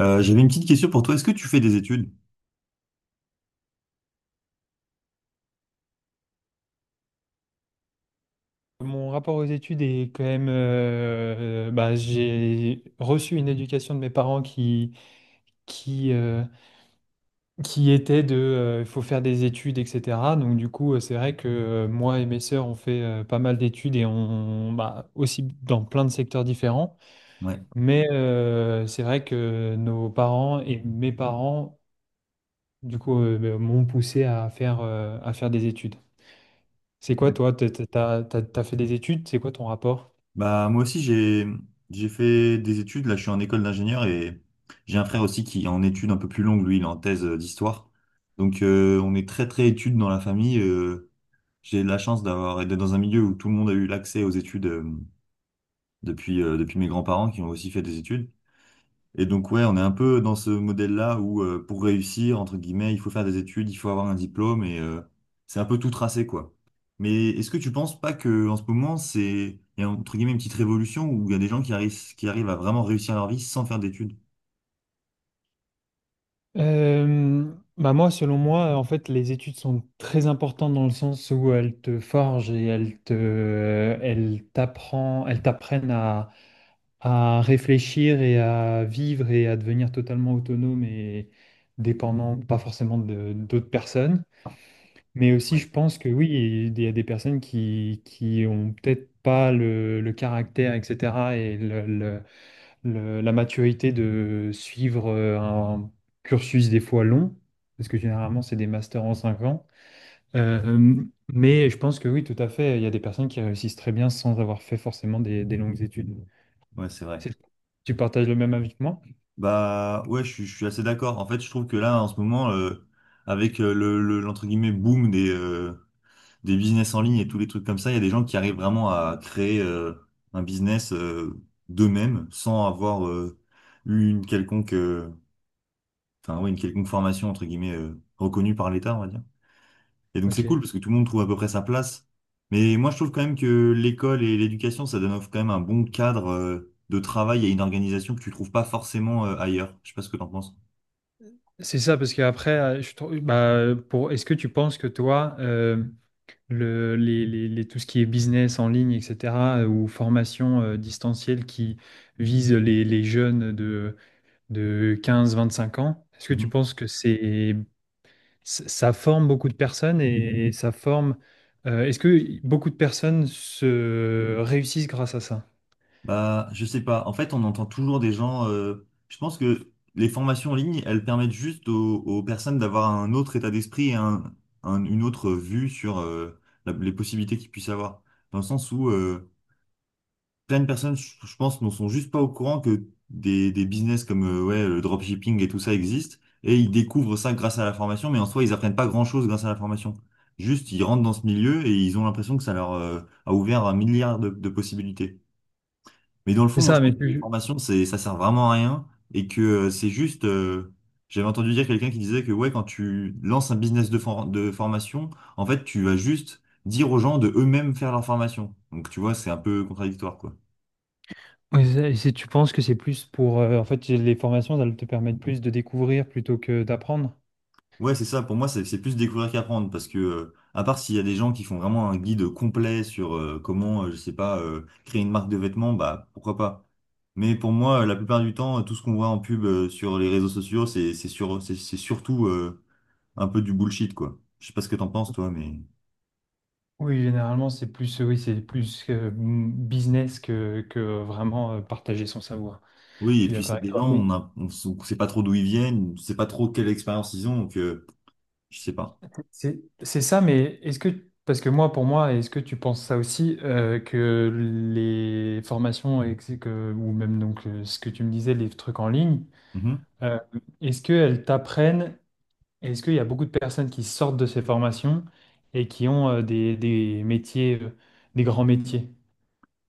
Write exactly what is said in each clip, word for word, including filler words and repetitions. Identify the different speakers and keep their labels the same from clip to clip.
Speaker 1: Euh, j'avais une petite question pour toi. Est-ce que tu fais des études?
Speaker 2: Mon rapport aux études est quand même, euh, bah, j'ai reçu une éducation de mes parents qui, qui, euh, qui était de, euh, il faut faire des études, et cetera. Donc du coup, euh, c'est vrai que euh, moi et mes sœurs, on fait euh, pas mal d'études et on, bah, aussi dans plein de secteurs différents.
Speaker 1: Ouais.
Speaker 2: Mais euh, c'est vrai que nos parents et mes parents, du coup, euh, bah, m'ont poussé à faire, euh, à faire des études. C'est quoi
Speaker 1: Ouais.
Speaker 2: toi? T'as, t'as, t'as- t'as fait des études? C'est quoi ton rapport?
Speaker 1: Bah moi aussi j'ai j'ai fait des études. Là je suis en école d'ingénieur et j'ai un frère aussi qui est en études un peu plus longues. Lui il est en thèse euh, d'histoire. Donc euh, on est très très études dans la famille. Euh, j'ai la chance d'avoir d'être dans un milieu où tout le monde a eu l'accès aux études euh, depuis euh, depuis mes grands-parents qui ont aussi fait des études. Et donc, ouais, on est un peu dans ce modèle-là où euh, pour réussir, entre guillemets, il faut faire des études, il faut avoir un diplôme et euh, c'est un peu tout tracé, quoi. Mais est-ce que tu penses pas que en ce moment, c'est, il y a entre guillemets une petite révolution où il y a des gens qui arrivent, qui arrivent à vraiment réussir leur vie sans faire d'études?
Speaker 2: Euh, Bah moi, selon moi, en fait, les études sont très importantes dans le sens où elles te forgent et elles te, euh, elles t'apprend- elles t'apprennent à, à réfléchir et à vivre et à devenir totalement autonome et dépendant, pas forcément de- d'autres personnes. Mais aussi,
Speaker 1: Ouais,
Speaker 2: je pense que oui, il y a des personnes qui, qui ont peut-être pas le, le caractère, et cetera et le- la maturité de suivre euh, un cursus des fois long, parce que généralement c'est des masters en cinq ans. Euh, mais je pense que oui, tout à fait, il y a des personnes qui réussissent très bien sans avoir fait forcément des, des longues études.
Speaker 1: ouais, c'est vrai.
Speaker 2: C'est- Tu partages le même avis que moi?
Speaker 1: Bah, ouais, je, suis je suis assez d'accord. En fait, je trouve que là, en ce moment, euh, avec euh, le, le- l'entre guillemets boom des, euh, des business en ligne et tous les trucs comme ça, il y a des gens qui arrivent vraiment à créer euh, un business euh, d'eux-mêmes sans avoir euh, eu une quelconque, euh, enfin ouais, une quelconque formation entre guillemets euh, reconnue par l'État, on va dire. Et donc c'est
Speaker 2: Ok.
Speaker 1: cool parce que tout le monde trouve à peu près sa place. Mais moi je trouve quand même que l'école et l'éducation, ça donne quand même un bon cadre euh, de travail et une organisation que tu trouves pas forcément euh, ailleurs. Je sais pas ce que t'en penses.
Speaker 2: C'est ça, parce qu'après, euh, je trouve, bah, pour, est-ce que tu penses que toi, euh, le, les, les- les- tout ce qui est business en ligne, et cetera, euh, ou formation euh, distancielle qui vise les, les jeunes de de quinze vingt-cinq ans. Est-ce que tu penses que c'est ça forme beaucoup de personnes et ça forme euh, est-ce que beaucoup de personnes se réussissent grâce à ça?
Speaker 1: Bah, je sais pas. En fait, on entend toujours des gens. Euh, je pense que les formations en ligne, elles permettent juste aux, aux personnes d'avoir un autre état d'esprit et un, un- une autre vue sur euh, la- les possibilités qu'ils puissent avoir. Dans le sens où euh, plein de personnes, je, je pense, ne sont juste pas au courant que des, des business comme euh, ouais, le dropshipping et tout ça existent. Et ils découvrent ça grâce à la formation, mais en soi, ils apprennent pas grand-chose grâce à la formation. Juste, ils rentrent dans ce milieu et ils ont l'impression que ça leur euh, a ouvert un milliard de de possibilités. Mais dans le fond,
Speaker 2: C'est
Speaker 1: moi, je
Speaker 2: ça,
Speaker 1: pense
Speaker 2: mais
Speaker 1: que les
Speaker 2: tu,
Speaker 1: formations, c'est, ça sert vraiment à rien et que euh, c'est juste. Euh, j'avais entendu dire quelqu'un qui disait que ouais, quand tu lances un business de, for- de formation, en fait, tu vas juste dire aux gens de eux-mêmes faire leur formation. Donc, tu vois, c'est un peu contradictoire, quoi.
Speaker 2: mais c'est- c'est- tu penses que c'est plus pour euh, en fait les formations, elles te permettent plus de découvrir plutôt que d'apprendre?
Speaker 1: Ouais, c'est ça. Pour moi, c'est c'est plus découvrir qu'apprendre parce que, euh, à part s'il y a des gens qui font vraiment un guide complet sur euh, comment, euh, je sais pas, euh, créer une marque de vêtements, bah pourquoi pas. Mais pour moi, euh, la plupart du temps, tout ce qu'on voit en pub euh, sur les réseaux sociaux, c'est c'est sur, c'est c'est surtout euh, un peu du bullshit, quoi. Je sais pas ce que t'en penses, toi, mais.
Speaker 2: Oui, généralement, c'est plus, oui, c'est plus euh, business que, que vraiment euh, partager son savoir. Je
Speaker 1: Oui, et
Speaker 2: suis
Speaker 1: puis
Speaker 2: d'accord
Speaker 1: c'est
Speaker 2: avec
Speaker 1: des
Speaker 2: toi.
Speaker 1: gens,
Speaker 2: Mais
Speaker 1: on a, on, s- on sait pas trop d'où ils viennent, on sait pas trop quelle expérience ils ont, donc euh, je sais pas.
Speaker 2: C'est c'est ça, mais est-ce que, parce que moi, pour moi, est-ce que tu penses ça aussi, euh, que les formations, et que, que- ou même donc euh, ce que tu me disais, les trucs en ligne,
Speaker 1: Mhm.
Speaker 2: euh, est-ce qu'elles t'apprennent, est-ce qu'il y a beaucoup de personnes qui sortent de ces formations et qui ont euh, des, des métiers, euh, des grands métiers?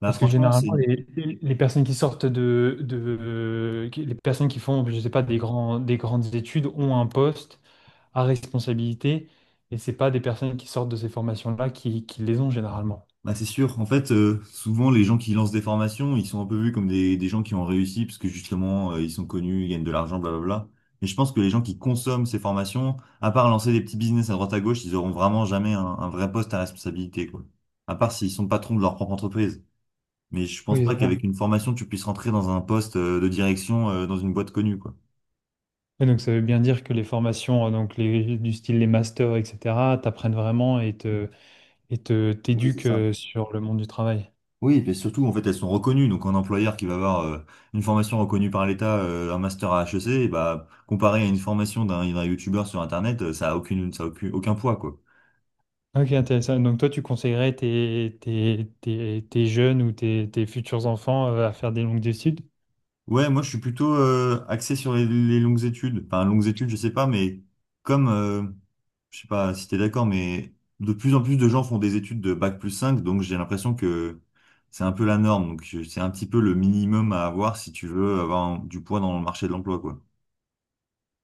Speaker 1: Bah
Speaker 2: Parce que
Speaker 1: franchement, c'est
Speaker 2: généralement, les, les personnes qui sortent de, de- qui- les personnes qui font, je sais pas, des grands, des grandes études ont un poste à responsabilité et c'est pas des personnes qui sortent de ces formations-là qui, qui les ont généralement.
Speaker 1: bah, c'est sûr. En fait, euh, souvent les gens qui lancent des formations, ils sont un peu vus comme des, des gens qui ont réussi parce que justement euh, ils sont connus, ils gagnent de l'argent, blablabla. Mais je pense que les gens qui consomment ces formations, à part lancer des petits business à droite à gauche, ils auront vraiment jamais un, un vrai poste à responsabilité, quoi. À part s'ils sont patrons de leur propre entreprise. Mais je pense
Speaker 2: Oui,
Speaker 1: pas
Speaker 2: c'est ça.
Speaker 1: qu'avec une formation, tu puisses rentrer dans un poste euh, de direction euh, dans une boîte connue, quoi.
Speaker 2: Et donc ça veut bien dire que les formations, euh, donc les, du style les masters, et cetera, t'apprennent vraiment et te, et te,
Speaker 1: Oui, c'est
Speaker 2: t'éduquent
Speaker 1: ça.
Speaker 2: euh, sur le monde du travail.
Speaker 1: Oui, et surtout, en fait, elles sont reconnues. Donc, un employeur qui va avoir euh, une formation reconnue par l'État, euh, un master à H E C, et bah, comparé à une formation d'un d'un youtubeur sur Internet, euh, ça a aucune, ça a aucun, aucun poids, quoi.
Speaker 2: Ok, intéressant. Donc toi, tu conseillerais tes, tes, tes, tes jeunes ou tes, tes futurs enfants euh, à faire des longues études?
Speaker 1: Ouais, moi je suis plutôt euh, axé sur les, les longues études. Enfin, longues études, je sais pas, mais comme, euh, je sais pas si t'es d'accord, mais de plus en plus de gens font des études de bac plus cinq, donc j'ai l'impression que c'est un peu la norme. Donc je- c'est un petit peu le minimum à avoir si tu veux avoir un- du poids dans le marché de l'emploi, quoi.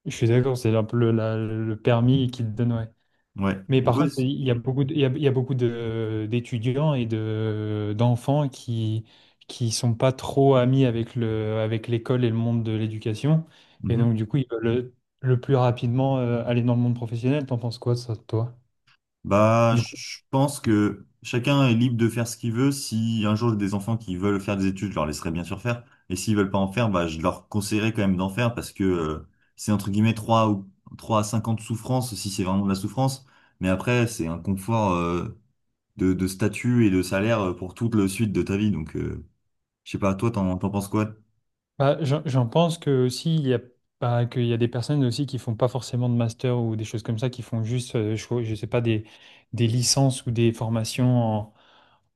Speaker 2: Je suis d'accord, c'est un peu le, la- le permis qui te donne, ouais.
Speaker 1: Ouais.
Speaker 2: Mais
Speaker 1: Et
Speaker 2: par
Speaker 1: toi,
Speaker 2: contre,
Speaker 1: c'est-
Speaker 2: il y a beaucoup de- il y a, il y a beaucoup de, d'étudiants et de, d'enfants qui, qui sont pas trop amis avec le, avec l'école et le monde de l'éducation. Et
Speaker 1: Mhm.
Speaker 2: donc, du coup, ils veulent le, le plus rapidement euh, aller dans le monde professionnel. T'en penses quoi, ça, toi?
Speaker 1: Bah, je pense que chacun est libre de faire ce qu'il veut. Si un jour j'ai des enfants qui veulent faire des études, je leur laisserai bien sûr faire. Et s'ils veulent pas en faire, bah, je leur conseillerais quand même d'en faire parce que euh, c'est entre guillemets trois, ou trois à cinq ans de souffrance si c'est vraiment de la souffrance. Mais après, c'est un confort euh, de, de statut et de salaire euh, pour toute la suite de ta vie. Donc, euh, je sais pas, toi, t'en, t'en penses quoi?
Speaker 2: Bah, j'en j'en pense que aussi il y a bah, qu'il y a des personnes aussi qui font pas forcément de master ou des choses comme ça, qui font juste, euh, je, je sais pas, des, des licences ou des formations en,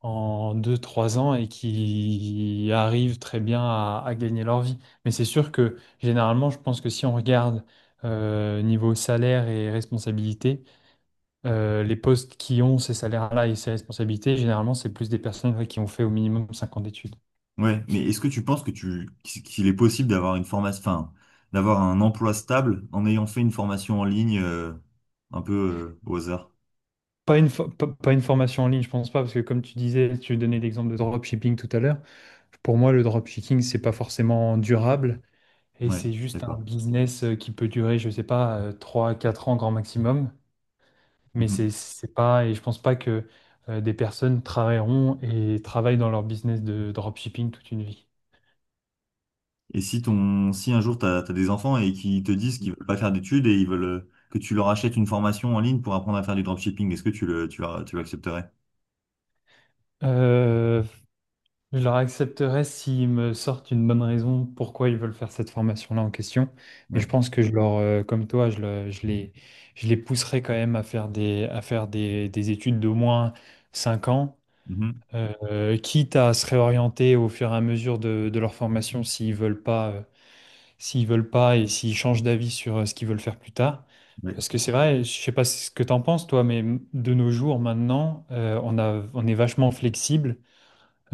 Speaker 2: en deux trois ans et qui arrivent très bien à, à gagner leur vie. Mais c'est sûr que généralement, je pense que si on regarde euh, niveau salaire et responsabilité, euh, les postes qui ont ces salaires-là et ces responsabilités, généralement, c'est plus des personnes ouais, qui ont fait au minimum cinq ans d'études.
Speaker 1: Ouais, mais est-ce que tu penses que tu qu'il est possible d'avoir une formation, enfin, d'avoir un emploi stable en ayant fait une formation en ligne euh, un peu euh, au hasard?
Speaker 2: Pas une, fo- pas pas une formation en ligne, je pense pas, parce que comme tu disais, tu donnais l'exemple de dropshipping tout à l'heure. Pour moi, le dropshipping, c'est pas forcément durable et
Speaker 1: Ouais,
Speaker 2: c'est
Speaker 1: je suis
Speaker 2: juste un
Speaker 1: d'accord.
Speaker 2: business euh, qui peut durer, je sais pas, euh, trois à quatre ans grand maximum. Mais
Speaker 1: Mhm.
Speaker 2: c'est c'est pas, et je pense pas que euh, des personnes travailleront et travaillent dans leur business de dropshipping toute une vie.
Speaker 1: Et si ton si un jour t'as t'as des enfants et qu'ils te disent qu'ils veulent pas faire d'études et ils veulent euh, que tu leur achètes une formation en ligne pour apprendre à faire du dropshipping, est-ce que tu le tu, vas- tu l'accepterais?
Speaker 2: Euh, Je leur accepterai s'ils me sortent une bonne raison pourquoi ils veulent faire cette formation-là en question. Mais je
Speaker 1: Ouais.
Speaker 2: pense que je leur, euh, comme toi, je, le- je les, je les pousserai quand même à faire des, à faire des, des études d'au moins cinq ans,
Speaker 1: Mhm.
Speaker 2: euh, quitte à se réorienter au fur et à mesure de, de leur formation s'ils veulent pas, euh, s'ils veulent pas et s'ils changent d'avis sur euh, ce qu'ils veulent faire plus tard.
Speaker 1: Ouais.
Speaker 2: Parce que c'est vrai, je sais pas ce que t'en penses, toi, mais de nos jours maintenant, euh, on a, on est vachement flexible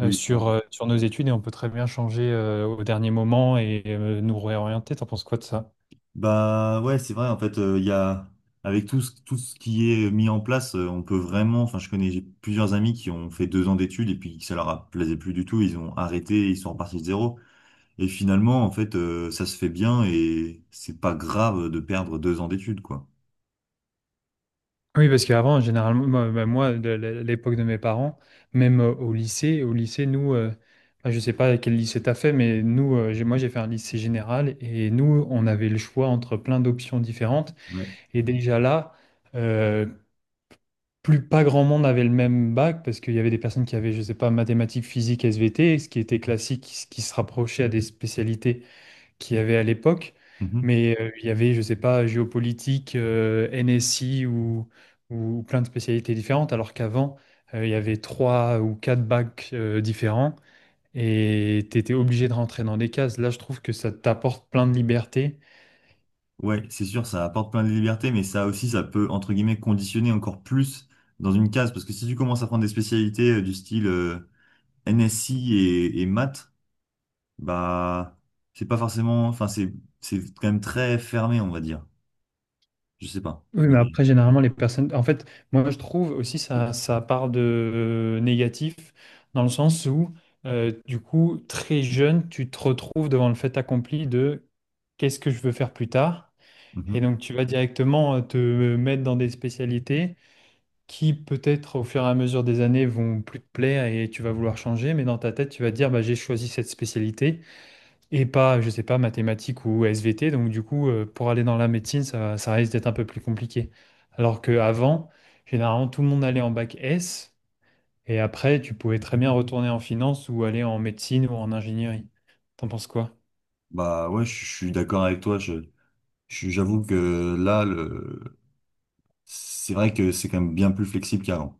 Speaker 2: euh, sur, euh, sur nos études et on peut très bien changer euh, au dernier moment et euh, nous réorienter. T'en penses quoi de ça?
Speaker 1: Bah ouais, c'est vrai, en fait, euh, il y a avec tout ce, tout ce qui est mis en place, euh, on peut vraiment, enfin je connais j'ai plusieurs amis qui ont fait deux ans d'études et puis ça leur a plaisait plus du tout, ils ont arrêté, ils sont repartis de zéro. Et finalement, en fait, euh, ça se fait bien et c'est pas grave de perdre deux ans d'études, quoi.
Speaker 2: Oui, parce qu'avant, généralement, moi, bah, moi, de l- l'époque de mes parents, même euh, au lycée, au lycée, nous, euh, bah, je sais pas quel lycée t'as fait, mais nous, euh, j'ai- moi, j'ai fait un lycée général et nous, on avait le choix entre plein d'options différentes.
Speaker 1: Ouais.
Speaker 2: Et déjà là, euh, plus pas grand monde avait le même bac parce qu'il y avait des personnes qui avaient, je sais pas, mathématiques, physique, S V T, ce qui était classique, ce qui se rapprochait à des spécialités qu'il y avait à l'époque,
Speaker 1: Mhm.
Speaker 2: mais euh, il y avait, je sais pas, géopolitique, euh, N S I ou, ou plein de spécialités différentes, alors qu'avant, euh, il y avait trois ou quatre bacs euh, différents et tu étais obligé de rentrer dans des cases. Là, je trouve que ça t'apporte plein de liberté.
Speaker 1: Ouais, c'est sûr, ça apporte plein de libertés, mais ça aussi, ça peut, entre guillemets, conditionner encore plus dans une case, parce que si tu commences à prendre des spécialités euh, du style euh, N S I et, et maths, bah, c'est pas forcément, enfin, c'est, c'est quand même très fermé, on va dire. Je sais pas.
Speaker 2: Oui, mais
Speaker 1: Mais,
Speaker 2: après, généralement, les personnes... En fait, moi, je trouve aussi ça, ça part de euh, négatif, dans le sens où, euh, du coup, très jeune, tu te retrouves devant le fait accompli de qu'est-ce que je veux faire plus tard?
Speaker 1: mhm.
Speaker 2: Et donc, tu vas directement euh, te mettre dans des spécialités qui, peut-être, au fur et à mesure des années, vont plus te plaire et tu vas vouloir changer. Mais dans ta tête, tu vas te dire, bah, j'ai choisi cette spécialité et pas, je sais pas, mathématiques ou S V T. Donc, du coup, euh, pour aller dans la médecine, ça, ça risque d'être un peu plus compliqué. Alors qu'avant, généralement, tout le monde allait en bac S et après, tu pouvais très bien retourner en finance ou aller en médecine ou en ingénierie. T'en penses quoi?
Speaker 1: Bah, ouais, je je suis d'accord avec toi. Je, je- j'avoue que là, le, c'est vrai que c'est quand même bien plus flexible qu'avant.